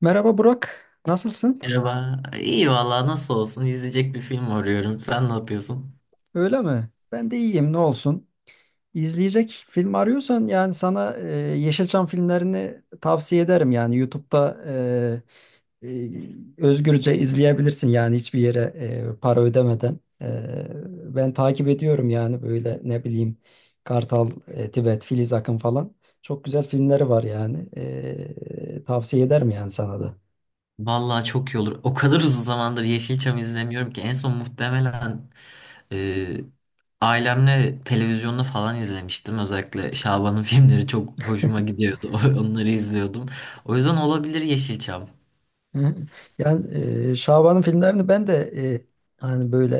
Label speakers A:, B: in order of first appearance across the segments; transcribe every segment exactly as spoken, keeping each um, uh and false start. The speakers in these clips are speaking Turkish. A: Merhaba Burak, nasılsın?
B: Merhaba. İyi valla, nasıl olsun, izleyecek bir film arıyorum. Sen ne yapıyorsun?
A: Öyle mi? Ben de iyiyim, ne olsun. İzleyecek film arıyorsan yani sana e, Yeşilçam filmlerini tavsiye ederim. Yani YouTube'da e, e, özgürce izleyebilirsin yani hiçbir yere e, para ödemeden. E, ben takip ediyorum yani böyle ne bileyim Kartal, e, Tibet, Filiz Akın falan. Çok güzel filmleri var yani. E, tavsiye ederim yani sana da.
B: Valla çok iyi olur. O kadar uzun zamandır Yeşilçam izlemiyorum ki en son muhtemelen e, ailemle televizyonda falan izlemiştim. Özellikle Şaban'ın filmleri çok hoşuma gidiyordu. Onları izliyordum. O yüzden olabilir Yeşilçam.
A: Hı. Yani e, Şaban'ın filmlerini ben de e, hani böyle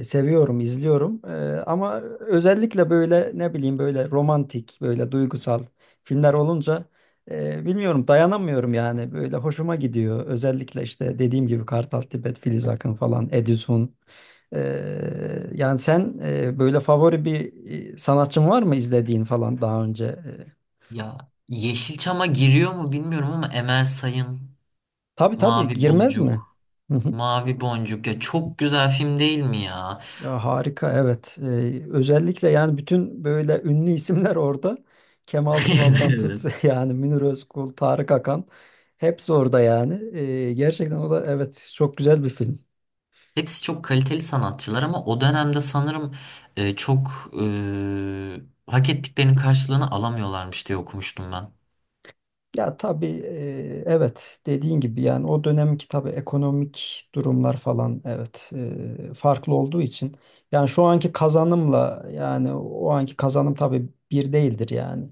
A: e, seviyorum, izliyorum. E, ama özellikle böyle ne bileyim böyle romantik, böyle duygusal filmler olunca e, bilmiyorum dayanamıyorum yani. Böyle hoşuma gidiyor. Özellikle işte dediğim gibi Kartal Tibet, Filiz Akın falan, Edison. E, Yani sen e, böyle favori bir e, sanatçın var mı izlediğin falan daha önce? E,
B: Ya, Yeşilçam'a giriyor mu bilmiyorum ama Emel Sayın,
A: tabii tabii
B: Mavi
A: girmez mi?
B: Boncuk, Mavi Boncuk ya çok güzel film değil mi ya?
A: Ya harika evet. Ee, özellikle yani bütün böyle ünlü isimler orada. Kemal Sunal'dan tut
B: Evet.
A: yani Münir Özkul, Tarık Akan hepsi orada yani. Ee, gerçekten o da evet çok güzel bir film.
B: Hepsi çok kaliteli sanatçılar ama o dönemde sanırım e, çok e, hak ettiklerinin karşılığını alamıyorlarmış diye okumuştum ben.
A: Ya tabii e, evet dediğin gibi yani o dönemki tabii ekonomik durumlar falan evet e, farklı olduğu için yani şu anki kazanımla yani o anki kazanım tabii bir değildir yani.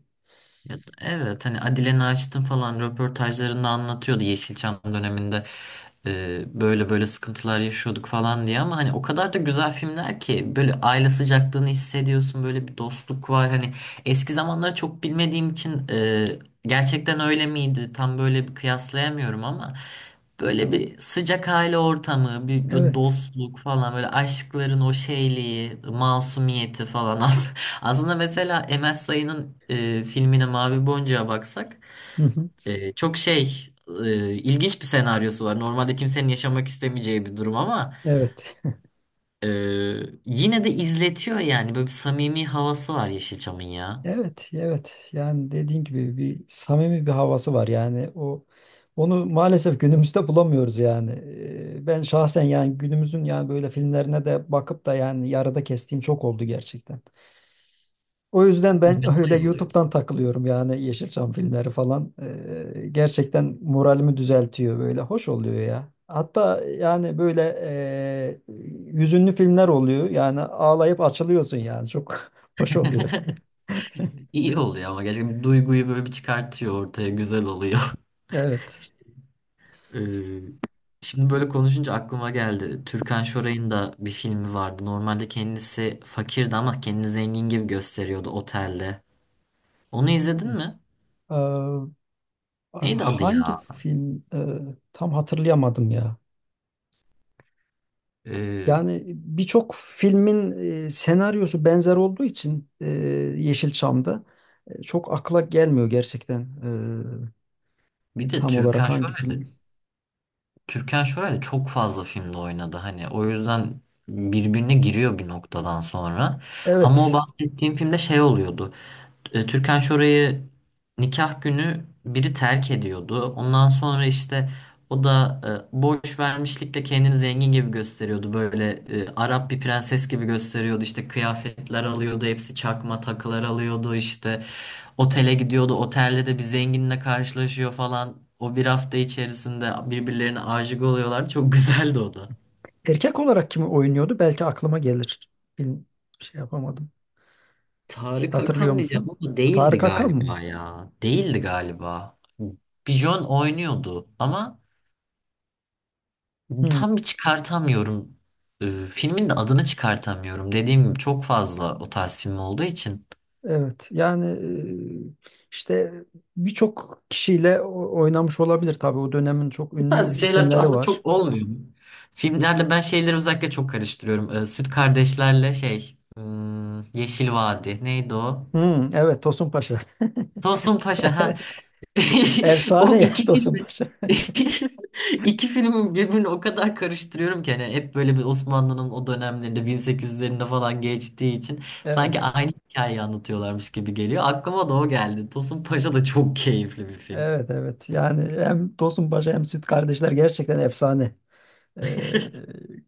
B: Ya, da- evet, hani Adile Naşit'in falan röportajlarında anlatıyordu, Yeşilçam döneminde e, böyle böyle sıkıntılar yaşıyorduk falan diye, ama hani o kadar da güzel filmler ki, böyle aile sıcaklığını hissediyorsun, böyle bir dostluk var hani. Eski zamanları çok bilmediğim için e, gerçekten öyle miydi tam böyle bir kıyaslayamıyorum ama böyle bir sıcak aile ortamı, bir, bir
A: Evet.
B: dostluk falan, böyle aşkların o şeyliği, masumiyeti falan. Aslında mesela Emel Sayın'ın e, filmine, Mavi Boncuk'a baksak,
A: Hı hı.
B: e, çok şey e, ilginç bir senaryosu var. Normalde kimsenin yaşamak istemeyeceği bir durum ama
A: Evet.
B: e, yine de izletiyor yani. Böyle bir samimi havası var Yeşilçam'ın ya.
A: Evet, evet. Yani dediğin gibi bir samimi bir havası var. Yani o onu maalesef günümüzde bulamıyoruz yani. Ee, Ben şahsen yani günümüzün yani böyle filmlerine de bakıp da yani yarıda kestiğim çok oldu gerçekten. O yüzden ben öyle
B: Yapay oluyor.
A: YouTube'dan takılıyorum yani Yeşilçam filmleri falan. Ee, gerçekten moralimi düzeltiyor böyle. Hoş oluyor ya. Hatta yani böyle e, hüzünlü filmler oluyor. Yani ağlayıp açılıyorsun yani. Çok hoş oluyor.
B: İyi oluyor ama gerçekten duyguyu böyle bir çıkartıyor ortaya. Güzel oluyor.
A: Evet.
B: E, şimdi böyle konuşunca aklıma geldi. Türkan Şoray'ın da bir filmi vardı. Normalde kendisi fakirdi ama kendini zengin gibi gösteriyordu otelde. Onu izledin mi?
A: Ee,
B: Neydi adı
A: Hangi
B: ya?
A: film e, tam hatırlayamadım ya.
B: Ee,
A: Yani birçok filmin e, senaryosu benzer olduğu için e, Yeşilçam'da e, çok akla gelmiyor gerçekten e,
B: Bir de
A: tam olarak
B: Türkan
A: hangi
B: Şoray'da
A: film.
B: Türkan Şoray'da çok fazla filmde oynadı hani, o yüzden birbirine giriyor bir noktadan sonra. Ama o
A: Evet.
B: bahsettiğim filmde şey oluyordu. e, Türkan Şoray'ı nikah günü biri terk ediyordu. Ondan sonra işte o da e, borç vermişlikle kendini zengin gibi gösteriyordu. Böyle e, Arap bir prenses gibi gösteriyordu. İşte kıyafetler alıyordu, hepsi çakma takılar alıyordu. İşte otele gidiyordu. Otelde de bir zenginle karşılaşıyor falan. O bir hafta içerisinde birbirlerine aşık oluyorlar. Çok güzeldi o da.
A: Erkek olarak kimi oynuyordu? Belki aklıma gelir. Film şey yapamadım.
B: Tarık
A: Hatırlıyor
B: Akan diyeceğim
A: musun?
B: ama değildi
A: Tarık Akan mı?
B: galiba ya. Değildi galiba. Bijon oynuyordu ama
A: Hmm.
B: tam bir çıkartamıyorum. Ee, filmin de adını çıkartamıyorum. Dediğim gibi çok fazla o tarz film olduğu için.
A: Evet yani e, işte birçok kişiyle o- oynamış olabilir tabii o dönemin çok
B: Bu
A: ünlü
B: tarz şeyler
A: isimleri
B: aslında
A: var.
B: çok olmuyor. Filmlerle ben şeyleri özellikle çok karıştırıyorum. Ee, Süt Kardeşler'le şey hmm, Yeşil Vadi neydi o?
A: Hmm, evet Tosun Paşa.
B: Tosun Paşa ha.
A: Evet.
B: O
A: Efsane ya
B: iki
A: Tosun
B: filmi,
A: Paşa.
B: iki filmin birbirini o kadar karıştırıyorum ki, hani hep böyle bir Osmanlı'nın o dönemlerinde, bin sekiz yüzlerinde falan geçtiği için sanki
A: Evet.
B: aynı hikayeyi anlatıyorlarmış gibi geliyor. Aklıma da o geldi. Tosun Paşa da çok keyifli bir film.
A: Evet evet yani hem Tosun Paşa hem Süt Kardeşler gerçekten efsane. Ee,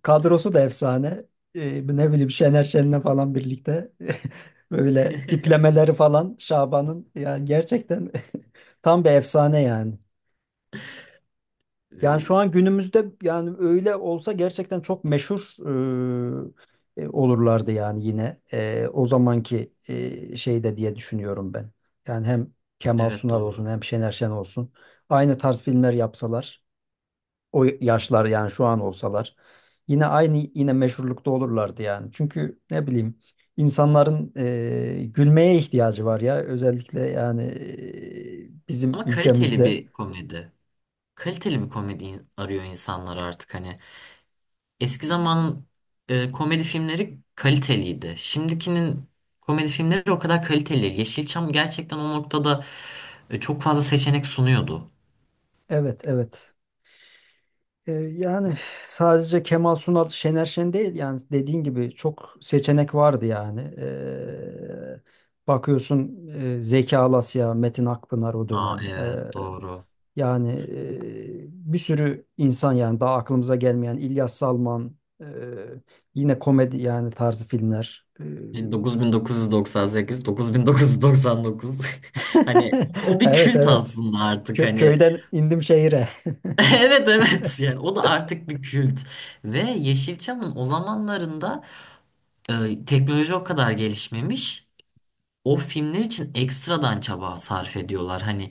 A: Kadrosu da efsane. Ee, ne bileyim Şener Şen'le falan birlikte böyle tiplemeleri falan Şaban'ın yani gerçekten tam bir efsane yani. Yani şu
B: Ee,
A: an günümüzde yani öyle olsa gerçekten çok meşhur e, e, olurlardı yani yine E, o zamanki e, şeyde diye düşünüyorum ben. Yani hem Kemal
B: Evet,
A: Sunal olsun
B: doğru.
A: hem Şener Şen olsun aynı tarz filmler yapsalar o yaşlar yani şu an olsalar yine aynı yine meşhurlukta olurlardı yani. Çünkü ne bileyim insanların e, gülmeye ihtiyacı var ya özellikle yani e, bizim
B: Ama kaliteli
A: ülkemizde.
B: bir komedi. Kaliteli bir komedi in- arıyor insanlar artık hani. Eski zamanın e, komedi filmleri kaliteliydi. Şimdikinin komedi filmleri o kadar kaliteli değil. Yeşilçam gerçekten o noktada e, çok fazla seçenek sunuyordu.
A: Evet evet. Ee, Yani sadece Kemal Sunal, Şener Şen değil yani dediğin gibi çok seçenek vardı yani. Ee, bakıyorsun e, Zeki Alasya, Metin Akpınar o
B: Aa,
A: dönem. Ee,
B: evet doğru.
A: yani e, bir sürü insan yani daha aklımıza gelmeyen İlyas Salman, e, yine komedi yani tarzı filmler. Ee,
B: dokuz bin dokuz yüz doksan sekiz, dokuz bin dokuz yüz doksan dokuz. Hani o bir
A: Evet
B: kült
A: evet.
B: aslında artık
A: Kö-
B: hani.
A: köyden indim şehire.
B: Evet, evet, yani o da artık bir kült. Ve Yeşilçam'ın o zamanlarında e, teknoloji o kadar gelişmemiş. O filmler için ekstradan çaba sarf ediyorlar. Hani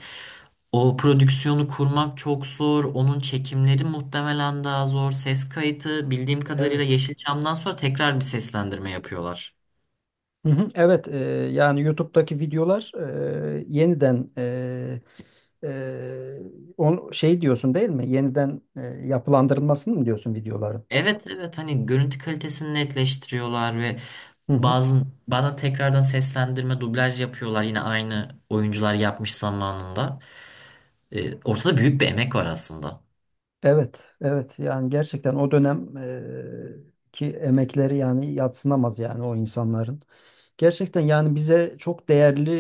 B: o prodüksiyonu kurmak çok zor. Onun çekimleri muhtemelen daha zor. Ses kayıtı bildiğim kadarıyla
A: Evet.
B: Yeşilçam'dan sonra tekrar bir seslendirme yapıyorlar.
A: Hı hı, evet, e, yani YouTube'daki videolar e, yeniden e, e, on, şey diyorsun değil mi? Yeniden e, yapılandırılmasını mı diyorsun videoların?
B: Evet, evet, hani görüntü kalitesini netleştiriyorlar ve
A: Hı hı.
B: bazı bazen tekrardan seslendirme, dublaj yapıyorlar, yine aynı oyuncular yapmış zamanında. Ee, ortada büyük bir emek var aslında.
A: Evet, evet. Yani gerçekten o dönem e, ki emekleri yani yadsınamaz yani o insanların. Gerçekten yani bize çok değerli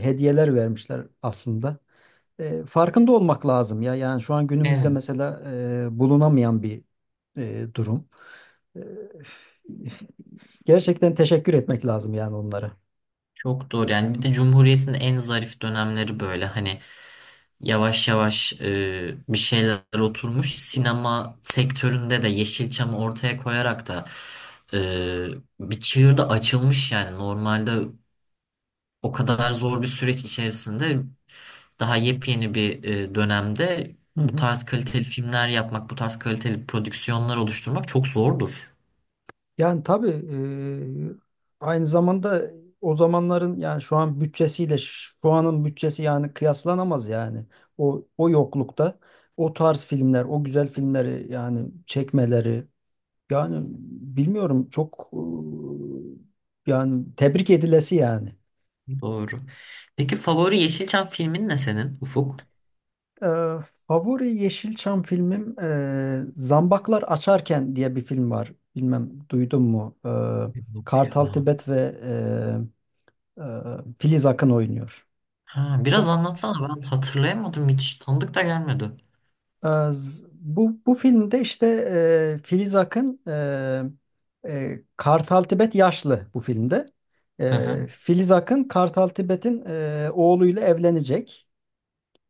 A: e, hediyeler vermişler aslında. E, farkında olmak lazım ya. Yani şu an günümüzde
B: Evet.
A: mesela e, bulunamayan bir e, durum. Ee, Gerçekten teşekkür etmek lazım yani onlara.
B: Çok doğru, yani bir de Cumhuriyet'in en zarif dönemleri böyle, hani yavaş yavaş e, bir şeyler oturmuş sinema sektöründe de, Yeşilçam'ı ortaya koyarak da e, bir çığır da açılmış yani. Normalde o kadar zor bir süreç içerisinde, daha yepyeni bir e, dönemde
A: Hı
B: bu
A: hı.
B: tarz kaliteli filmler yapmak, bu tarz kaliteli prodüksiyonlar oluşturmak çok zordur.
A: Yani tabii eee, aynı zamanda o zamanların yani şu an bütçesiyle ş- şu anın bütçesi yani kıyaslanamaz yani. O o yoklukta o tarz filmler, o güzel filmleri yani çekmeleri, yani bilmiyorum çok e, yani tebrik edilesi yani.
B: Doğru. Peki favori Yeşilçam filmin ne senin, Ufuk?
A: Ee, Favori Yeşilçam filmim e, Zambaklar Açarken diye bir film var. Bilmem duydun mu? Ee,
B: Yok ya.
A: Kartal Tibet ve e, e, Filiz Akın oynuyor.
B: Ha, biraz
A: Çok
B: anlatsana, ben hatırlayamadım, hiç tanıdık da gelmedi.
A: e, z- bu bu filmde işte e, Filiz Akın e, e, Kartal Tibet yaşlı bu filmde.
B: Hı hı.
A: E, Filiz Akın Kartal Tibet'in e, oğluyla evlenecek.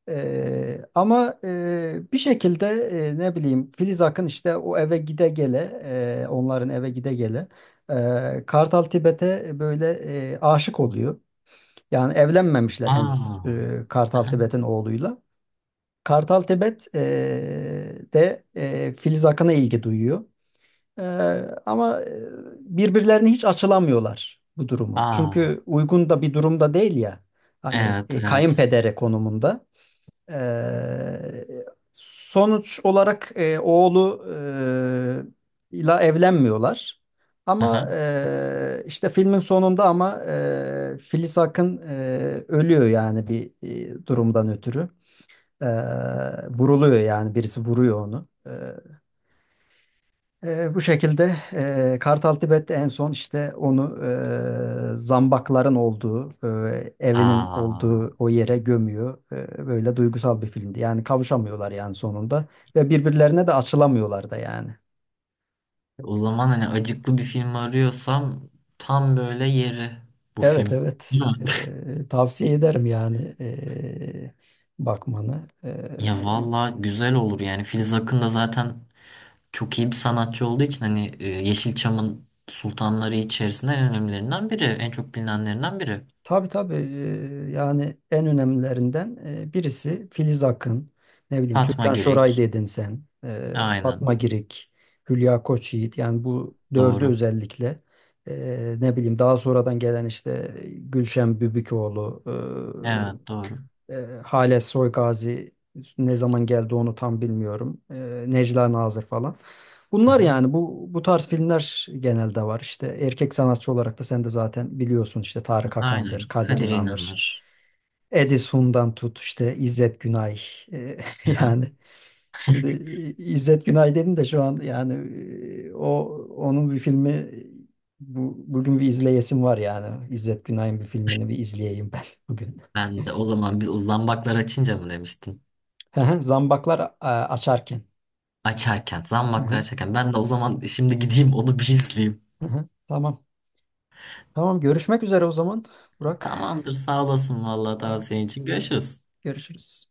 A: Ee, ama e, bir şekilde e, ne bileyim Filiz Akın işte o eve gide gele e, onların eve gide gele e, Kartal Tibet'e böyle e, aşık oluyor. Yani evlenmemişler
B: Aa.
A: henüz e,
B: Hı
A: Kartal
B: hı.
A: Tibet'in oğluyla. Kartal Tibet e, de e, Filiz Akın'a ilgi duyuyor. E, Ama e, birbirlerine hiç açılamıyorlar bu durumu.
B: Aa.
A: Çünkü uygun da bir durumda değil ya. Hani
B: Evet,
A: e,
B: evet.
A: kayınpedere konumunda. Ee, Sonuç olarak e, oğlu e, ile evlenmiyorlar.
B: Hı
A: Ama
B: hı.
A: e, işte filmin sonunda ama e, Filiz Akın e, ölüyor yani bir e, durumdan ötürü. E, Vuruluyor yani birisi vuruyor onu. Eee, bu şekilde eee Kartal Tibet en son işte onu eee, zambakların olduğu, eee, evinin olduğu
B: Aa.
A: o yere gömüyor. Eee, böyle duygusal bir filmdi. Yani kavuşamıyorlar yani sonunda ve birbirlerine de açılamıyorlar da yani.
B: O zaman hani acıklı bir film arıyorsam, tam böyle yeri bu
A: Evet
B: film. Değil
A: evet.
B: mi?
A: Eee, tavsiye ederim yani eee, bakmanı.
B: Ya
A: Eee,
B: valla, güzel olur yani. Filiz Akın da zaten çok iyi bir sanatçı olduğu için hani, e, Yeşilçam'ın sultanları içerisinde en önemlilerinden biri, en çok bilinenlerinden biri.
A: Tabii tabii eee, yani en önemlilerinden eee, birisi Filiz Akın, ne bileyim
B: Fatma
A: Türkan Şoray
B: Girik.
A: dedin sen, eee,
B: Aynen.
A: Fatma Girik, Hülya Koçyiğit yani bu dördü
B: Doğru.
A: özellikle eee, ne bileyim daha sonradan gelen işte Gülşen Bübükoğlu
B: Evet, doğru.
A: e, Hale Soygazi ne zaman geldi onu tam bilmiyorum. E, Necla Nazır falan.
B: Hı
A: Bunlar
B: hı.
A: yani bu bu tarz filmler genelde var. İşte erkek sanatçı olarak da sen de zaten biliyorsun işte Tarık Akan'dır,
B: Aynen.
A: Kadir
B: Kadir
A: İnanır,
B: İnanır.
A: Edison'dan tut işte İzzet Günay. E,
B: Aha.
A: Yani şimdi e, İzzet Günay dedin de şu an yani e, o onun bir filmi bu, bugün bir izleyesim var yani. İzzet Günay'ın bir filmini bir izleyeyim ben bugün.
B: Ben de o zaman, biz o zambaklar açınca mı demiştin?
A: Hı hı, Zambaklar e, açarken.
B: Açarken,
A: Hı
B: zambaklar
A: hı,
B: açarken. Ben de o zaman şimdi gideyim onu bir izleyeyim.
A: hı hı. Tamam. Tamam görüşmek üzere o zaman Burak.
B: Tamamdır, sağ olasın vallahi
A: Tamam,
B: tavsiyen için. Görüşürüz.
A: görüşürüz.